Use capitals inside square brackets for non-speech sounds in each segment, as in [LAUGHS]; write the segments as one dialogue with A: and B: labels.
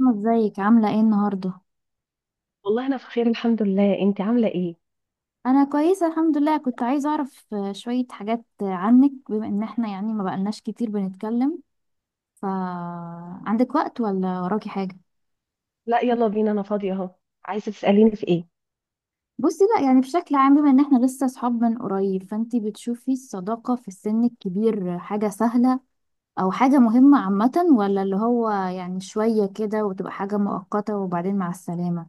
A: أنا، ازيك؟ عاملة ايه النهاردة؟
B: والله انا في خير الحمد لله. انت عامله ايه؟
A: أنا كويسة الحمد لله. كنت عايزة أعرف شوية حاجات عنك، بما إن احنا يعني ما بقالناش كتير بنتكلم، ف عندك وقت ولا وراكي حاجة؟
B: لا، يلا بينا، انا فاضيه اهو. عايزه تساليني في ايه؟
A: بصي، لا، يعني بشكل عام، بما إن احنا لسه صحاب من قريب، فانتي بتشوفي الصداقة في السن الكبير حاجة سهلة أو حاجة مهمة عامة، ولا اللي هو يعني شوية كده وتبقى حاجة مؤقتة وبعدين مع السلامة؟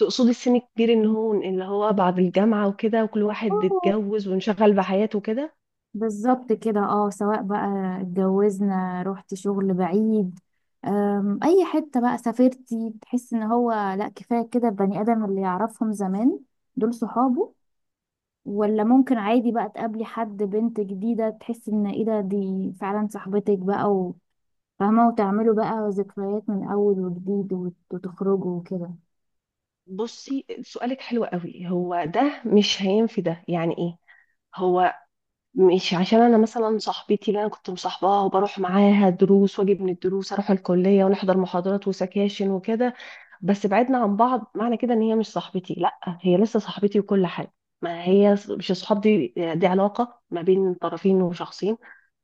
B: تقصدي السن الكبير ان هو اللي هو بعد الجامعه وكده، وكل واحد اتجوز وانشغل بحياته كده.
A: بالظبط كده، اه، سواء بقى اتجوزنا، رحت شغل بعيد، اي حتة بقى سافرتي، تحس ان هو لا، كفاية كده البني ادم اللي يعرفهم زمان دول صحابه، ولا ممكن عادي بقى تقابلي حد، بنت جديدة، تحس ان ايه ده، دي فعلا صاحبتك بقى وفاهمة، وتعملوا بقى ذكريات من اول وجديد، وتخرجوا وكده؟
B: بصي، سؤالك حلو قوي. هو ده مش هينفي، ده يعني ايه؟ هو مش عشان انا مثلا صاحبتي اللي انا كنت مصاحباها وبروح معاها دروس واجي من الدروس اروح الكليه ونحضر محاضرات وسكاشن وكده، بس بعدنا عن بعض معنى كده ان هي مش صاحبتي. لا، هي لسه صاحبتي وكل حاجه. ما هي مش الصحاب دي علاقه ما بين طرفين وشخصين.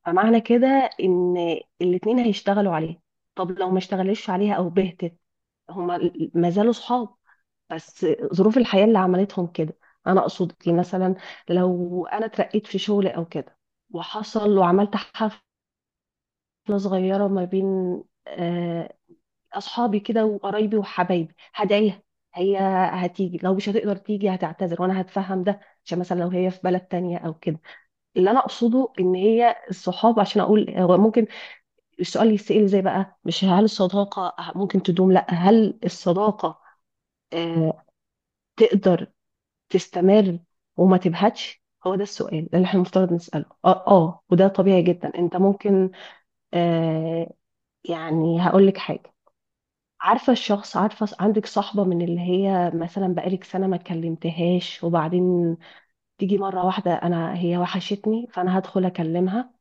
B: فمعنى كده ان الاتنين هيشتغلوا عليها. طب لو ما اشتغلوش عليها او بهتت، هما ما زالوا صحاب، بس ظروف الحياه اللي عملتهم كده. انا اقصد إيه؟ مثلا لو انا اترقيت في شغل او كده، وحصل وعملت حفله صغيره ما بين آه، اصحابي كده وقرايبي وحبايبي، هدعيها. هي هتيجي، لو مش هتقدر تيجي هتعتذر وانا هتفهم ده، عشان مثلا لو هي في بلد تانية او كده. اللي انا اقصده ان هي الصحاب، عشان اقول هو ممكن السؤال يتسأل زي بقى، مش هل الصداقة ممكن تدوم، لا، هل الصداقة آه تقدر تستمر وما تبهتش. هو ده السؤال اللي احنا المفترض نسأله وده طبيعي جدا. انت ممكن آه يعني هقول لك حاجة. عارفة الشخص، عارفة عندك صاحبة من اللي هي مثلا بقالك سنة ما كلمتهاش، وبعدين تيجي مرة واحدة أنا هي وحشتني، فأنا هدخل أكلمها.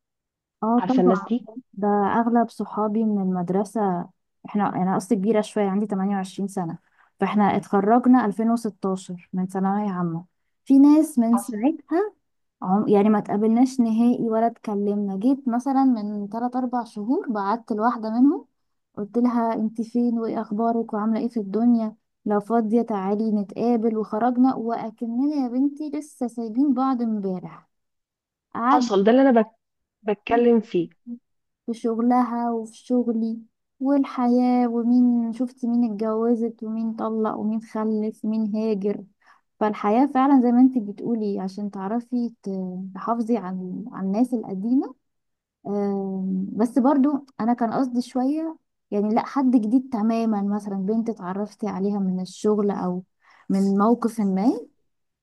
A: اه
B: عارفة الناس
A: طبعا.
B: دي.
A: ده اغلب صحابي من المدرسة. احنا، انا قصدي، كبيرة شوية، عندي 28 سنة، فاحنا اتخرجنا 2016 من ثانوية عامة. في ناس من
B: حصل،
A: ساعتها يعني ما تقابلناش نهائي ولا اتكلمنا. جيت مثلا من 3 4 شهور بعت لواحدة منهم، قلت لها انت فين وايه اخبارك وعاملة ايه في الدنيا؟ لو فاضية تعالي نتقابل. وخرجنا وأكننا يا بنتي لسه سايبين بعض امبارح. قعدنا
B: ده اللي أنا بتكلم فيه.
A: في شغلها وفي شغلي والحياة، ومين شفت، مين اتجوزت، ومين طلق، ومين خلف، ومين هاجر. فالحياة فعلا زي ما انت بتقولي، عشان تعرفي تحافظي عن الناس القديمة. بس برضو انا كان قصدي شوية، يعني لا حد جديد تماما، مثلا بنت اتعرفتي عليها من الشغل او من موقف ما،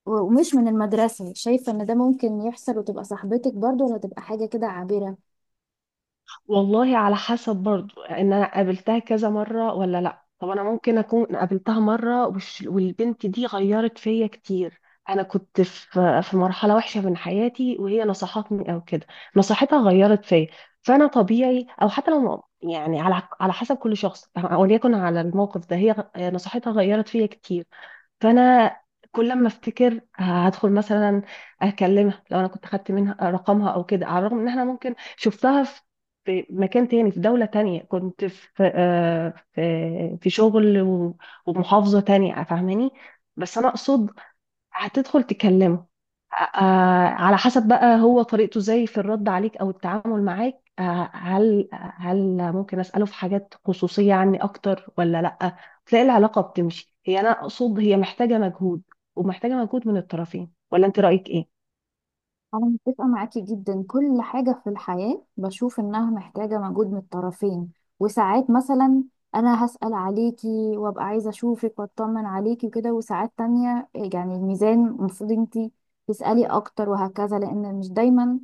A: ومش من المدرسة. شايفة ان ده ممكن يحصل وتبقى صاحبتك برضو، ولا تبقى حاجة كده عابرة؟
B: والله، على حسب برضو ان انا قابلتها كذا مره ولا لا. طب انا ممكن اكون قابلتها مره والبنت دي غيرت فيا كتير. انا كنت في مرحله وحشه من حياتي، وهي نصحتني او كده، نصيحتها غيرت فيا. فانا طبيعي، او حتى لو يعني على حسب كل شخص، وليكن على الموقف ده هي نصيحتها غيرت فيا كتير. فانا كل ما افتكر هدخل مثلا اكلمها، لو انا كنت خدت منها رقمها او كده، على الرغم ان احنا ممكن شفتها في في مكان تاني في دولة تانية. كنت في في شغل ومحافظة تانية، فاهماني؟ بس انا اقصد هتدخل تكلمه. على حسب بقى هو طريقته ازاي في الرد عليك او التعامل معاك. هل ممكن اساله في حاجات خصوصيه عني اكتر ولا لا. تلاقي العلاقه بتمشي. هي انا اقصد هي محتاجه مجهود، ومحتاجه مجهود من الطرفين، ولا انت رايك ايه؟
A: أنا متفقة معاكي جدا. كل حاجة في الحياة بشوف إنها محتاجة مجهود من الطرفين. وساعات مثلا أنا هسأل عليكي وأبقى عايزة أشوفك وأطمن عليكي وكده، وساعات تانية يعني الميزان المفروض انتي تسألي أكتر، وهكذا، لأن مش دايما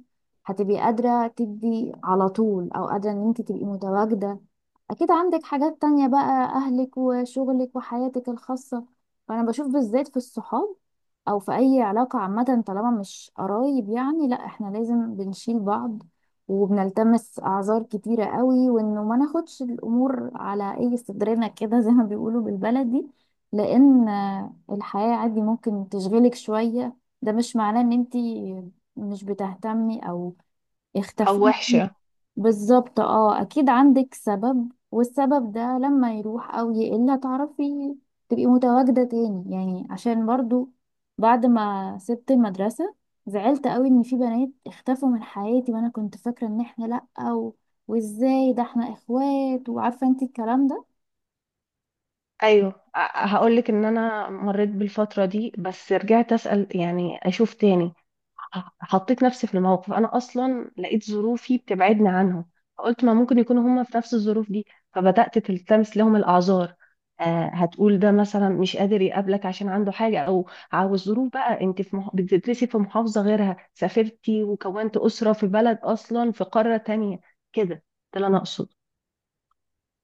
A: هتبقي قادرة تدي على طول أو قادرة إن انتي تبقي متواجدة. أكيد عندك حاجات تانية بقى، أهلك وشغلك وحياتك الخاصة. فأنا بشوف، بالذات في الصحاب او في اي علاقة عامة طالما مش قرايب، يعني لا، احنا لازم بنشيل بعض، وبنلتمس اعذار كتيرة قوي، وانه ما ناخدش الامور على اي صدرنا كده زي ما بيقولوا بالبلدي، لان الحياة عادي ممكن تشغلك شوية. ده مش معناه ان انتي مش بتهتمي او
B: او
A: اختفيتي.
B: وحشة.
A: بالظبط، اه، اكيد عندك سبب، والسبب ده لما يروح او يقل هتعرفي تبقي متواجدة تاني. يعني عشان برضو بعد ما سبت المدرسة زعلت قوي ان في بنات اختفوا من حياتي، وانا كنت فاكرة ان احنا لأ، وازاي ده، احنا اخوات، وعارفة انت الكلام ده.
B: ايوه، هقول لك ان انا مريت بالفتره دي، بس رجعت اسال، يعني اشوف تاني. حطيت نفسي في الموقف. انا اصلا لقيت ظروفي بتبعدني عنهم، فقلت ما ممكن يكونوا هما في نفس الظروف دي، فبدات تلتمس لهم الاعذار. آه، هتقول ده مثلا مش قادر يقابلك عشان عنده حاجه، او عاوز ظروف بقى، انت في بتدرسي في محافظه غيرها، سافرتي وكونت اسره في بلد اصلا في قاره تانية. كده ده اللي انا اقصد.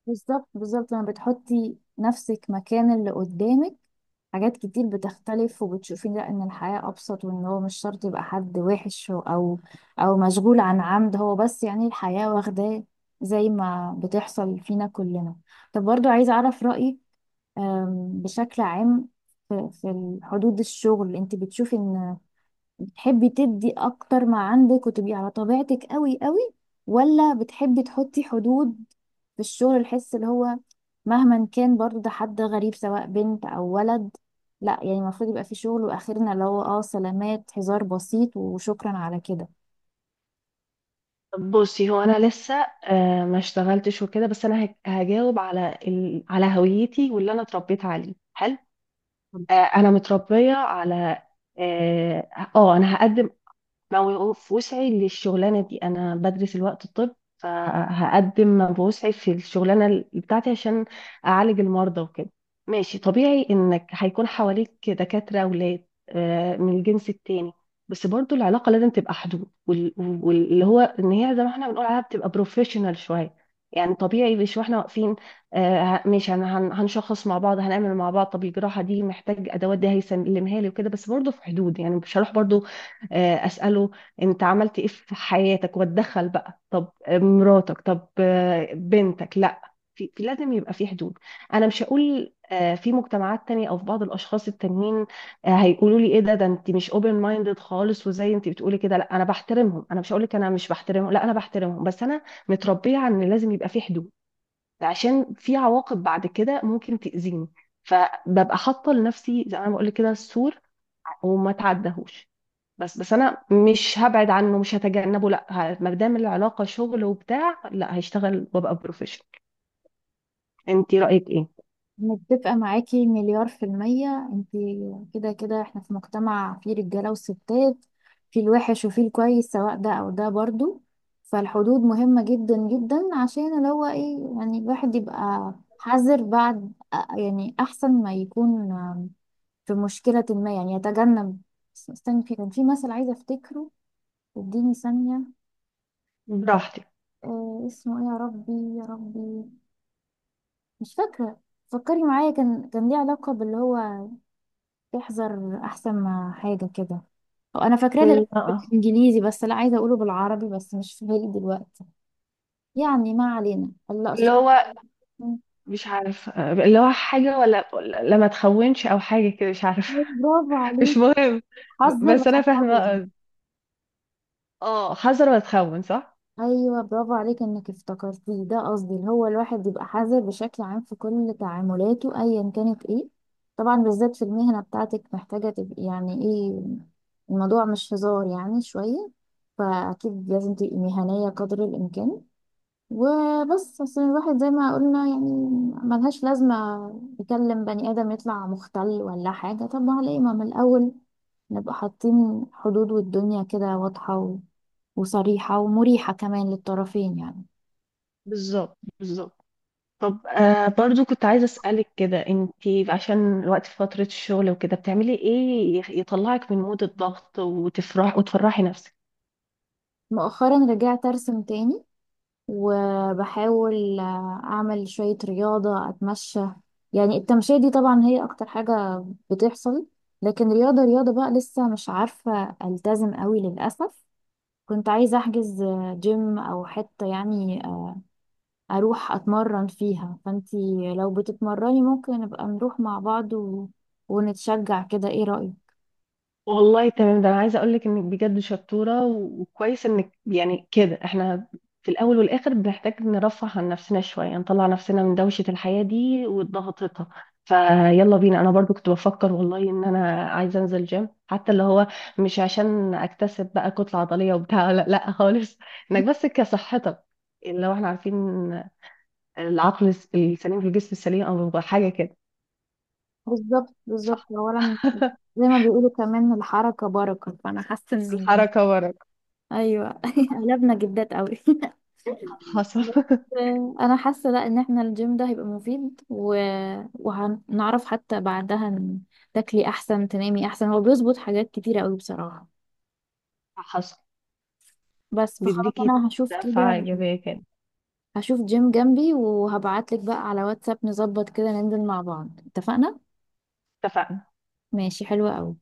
A: بالظبط بالظبط، لما بتحطي نفسك مكان اللي قدامك حاجات كتير بتختلف، وبتشوفي لا، ان الحياة ابسط، وان هو مش شرط يبقى حد وحش او مشغول عن عمد، هو بس يعني الحياة واخداه، زي ما بتحصل فينا كلنا. طب برضو عايزة اعرف رأيك، بشكل عام، في في حدود الشغل انت بتشوفي ان تحبي تدي اكتر ما عندك وتبقي على طبيعتك قوي قوي، ولا بتحبي تحطي حدود في الشغل؟ الحس اللي هو مهما كان برضو ده حد غريب، سواء بنت او ولد، لا يعني المفروض يبقى في شغل واخرنا، اللي هو اه سلامات، هزار بسيط، وشكرا على كده.
B: بصي، هو انا لسه ما اشتغلتش وكده، بس انا هجاوب على على هويتي واللي انا اتربيت عليه حلو. انا متربيه على اه انا هقدم لو في وسعي للشغلانة دي. أنا بدرس الوقت الطب، فهقدم ما بوسعي في الشغلانة بتاعتي عشان أعالج المرضى وكده. ماشي، طبيعي إنك هيكون حواليك دكاترة أولاد من الجنس التاني، بس برضو العلاقة لازم تبقى حدود واللي هو إن هي زي ما احنا بنقول عليها بتبقى بروفيشنال شوية. يعني طبيعي، مش واحنا واقفين، ماشي، هنشخص مع بعض، هنعمل مع بعض. طب الجراحة دي محتاج أدوات، دي هيسلمها لي وكده، بس برضو في حدود. يعني مش هروح برضو اساله انت عملت ايه في حياتك، واتدخل بقى طب مراتك، طب بنتك. لا، في لازم يبقى في حدود. انا مش هقول، في مجتمعات تانية او في بعض الاشخاص التانيين هيقولوا لي ايه ده، ده انت مش اوبن مايندد خالص، وزي انت بتقولي كده. لا، انا بحترمهم، انا مش هقول لك انا مش بحترمهم، لا، انا بحترمهم، بس انا متربيه على ان لازم يبقى في حدود، عشان في عواقب بعد كده ممكن تاذيني. فببقى حاطه لنفسي زي ما بقول لك كده السور، وما تعدهوش. بس انا مش هبعد عنه، مش هتجنبه، لا، ما دام العلاقه شغل وبتاع، لا، هشتغل وابقى بروفيشنال. انت رايك ايه؟
A: متفقة معاكي مليار في المية. انتي كده كده احنا في مجتمع فيه رجالة وستات، فيه الوحش وفيه الكويس، سواء ده او ده برضو. فالحدود مهمة جدا جدا، عشان اللي هو ايه، يعني الواحد يبقى حذر. بعد يعني احسن ما يكون في مشكلة ما، يعني يتجنب. استني، كان في مثل عايزة افتكره، اديني ثانية.
B: براحتك.
A: اه، اسمه ايه يا ربي؟ يا ربي، مش فاكرة. فكري معايا، كان ليه علاقة باللي هو تحذر احسن ما حاجه كده. أو انا فاكراه
B: مم،
A: للأسف
B: اه.
A: بالانجليزي، بس لا عايزه اقوله بالعربي، بس مش في بالي دلوقتي. يعني ما علينا. الله
B: اللي
A: أصدق.
B: هو مش عارف، اللي هو حاجه، ولا لا، ما تخونش او حاجه كده، مش عارف.
A: برافو
B: [LAUGHS] مش
A: عليك.
B: مهم.
A: حذر
B: بس انا
A: وحذر.
B: فاهمه. اه، حذر ولا تخون، صح.
A: ايوه، برافو عليك انك افتكرتيه. ده قصدي، اللي هو الواحد يبقى حذر بشكل عام في كل تعاملاته ايا كانت، ايه طبعا، بالذات في المهنه بتاعتك، محتاجه تبقي يعني ايه، الموضوع مش هزار يعني شويه، فاكيد لازم تبقي مهنيه قدر الامكان. وبس، اصل الواحد زي ما قلنا يعني ملهاش لازمة يكلم بني آدم يطلع مختل ولا حاجة. طب ما ليه، ما من الأول نبقى حاطين حدود، والدنيا كده واضحة وصريحة ومريحة كمان للطرفين يعني.
B: بالظبط، بالظبط. طب، آه، برضو كنت عايزه اسالك كده انت، عشان الوقت في فتره الشغل وكده، بتعملي ايه يطلعك من مود الضغط وتفرح وتفرحي نفسك؟
A: مؤخرا رجعت أرسم تاني، وبحاول أعمل شوية رياضة، أتمشى. يعني التمشية دي طبعا هي أكتر حاجة بتحصل، لكن رياضة رياضة بقى لسه مش عارفة ألتزم قوي للأسف. كنت عايزة أحجز جيم أو حتة يعني أروح أتمرن فيها، فأنتي لو بتتمرني ممكن نبقى نروح مع بعض ونتشجع كده. إيه رأيك؟
B: والله تمام. ده انا عايزه اقول لك انك بجد شطوره، وكويس انك يعني كده. احنا في الاول والاخر بنحتاج نرفه عن نفسنا شويه، نطلع نفسنا من دوشه الحياه دي وضغطتها. فيلا بينا، انا برضو كنت بفكر والله ان انا عايزه انزل جيم، حتى اللي هو مش عشان اكتسب بقى كتله عضليه وبتاع. [LAUGHS] لا لا خالص، انك بس كصحتك. لو احنا عارفين، العقل السليم في الجسم السليم، او حاجه كده.
A: بالظبط بالظبط.
B: صح.
A: أولا،
B: [LAUGHS]
A: زي ما بيقولوا كمان الحركة بركة، فأنا حاسة إن...
B: الحركه ورا.
A: أيوه. [LAUGHS] قلبنا جدات قوي. [LAUGHS]
B: حصل.
A: بس
B: [LAUGHS]
A: أنا حاسة، لأ، إن إحنا الجيم ده هيبقى مفيد وهنعرف حتى بعدها إن تاكلي أحسن، تنامي أحسن، هو بيظبط حاجات كتيرة قوي بصراحة.
B: حصل.
A: بس، فخلاص
B: بيديكي
A: انا هشوف كده،
B: دفعة إيجابية كده.
A: هشوف جيم جنبي وهبعتلك بقى على واتساب، نظبط كده ننزل مع بعض. اتفقنا.
B: اتفقنا.
A: ماشي، حلوة قوي.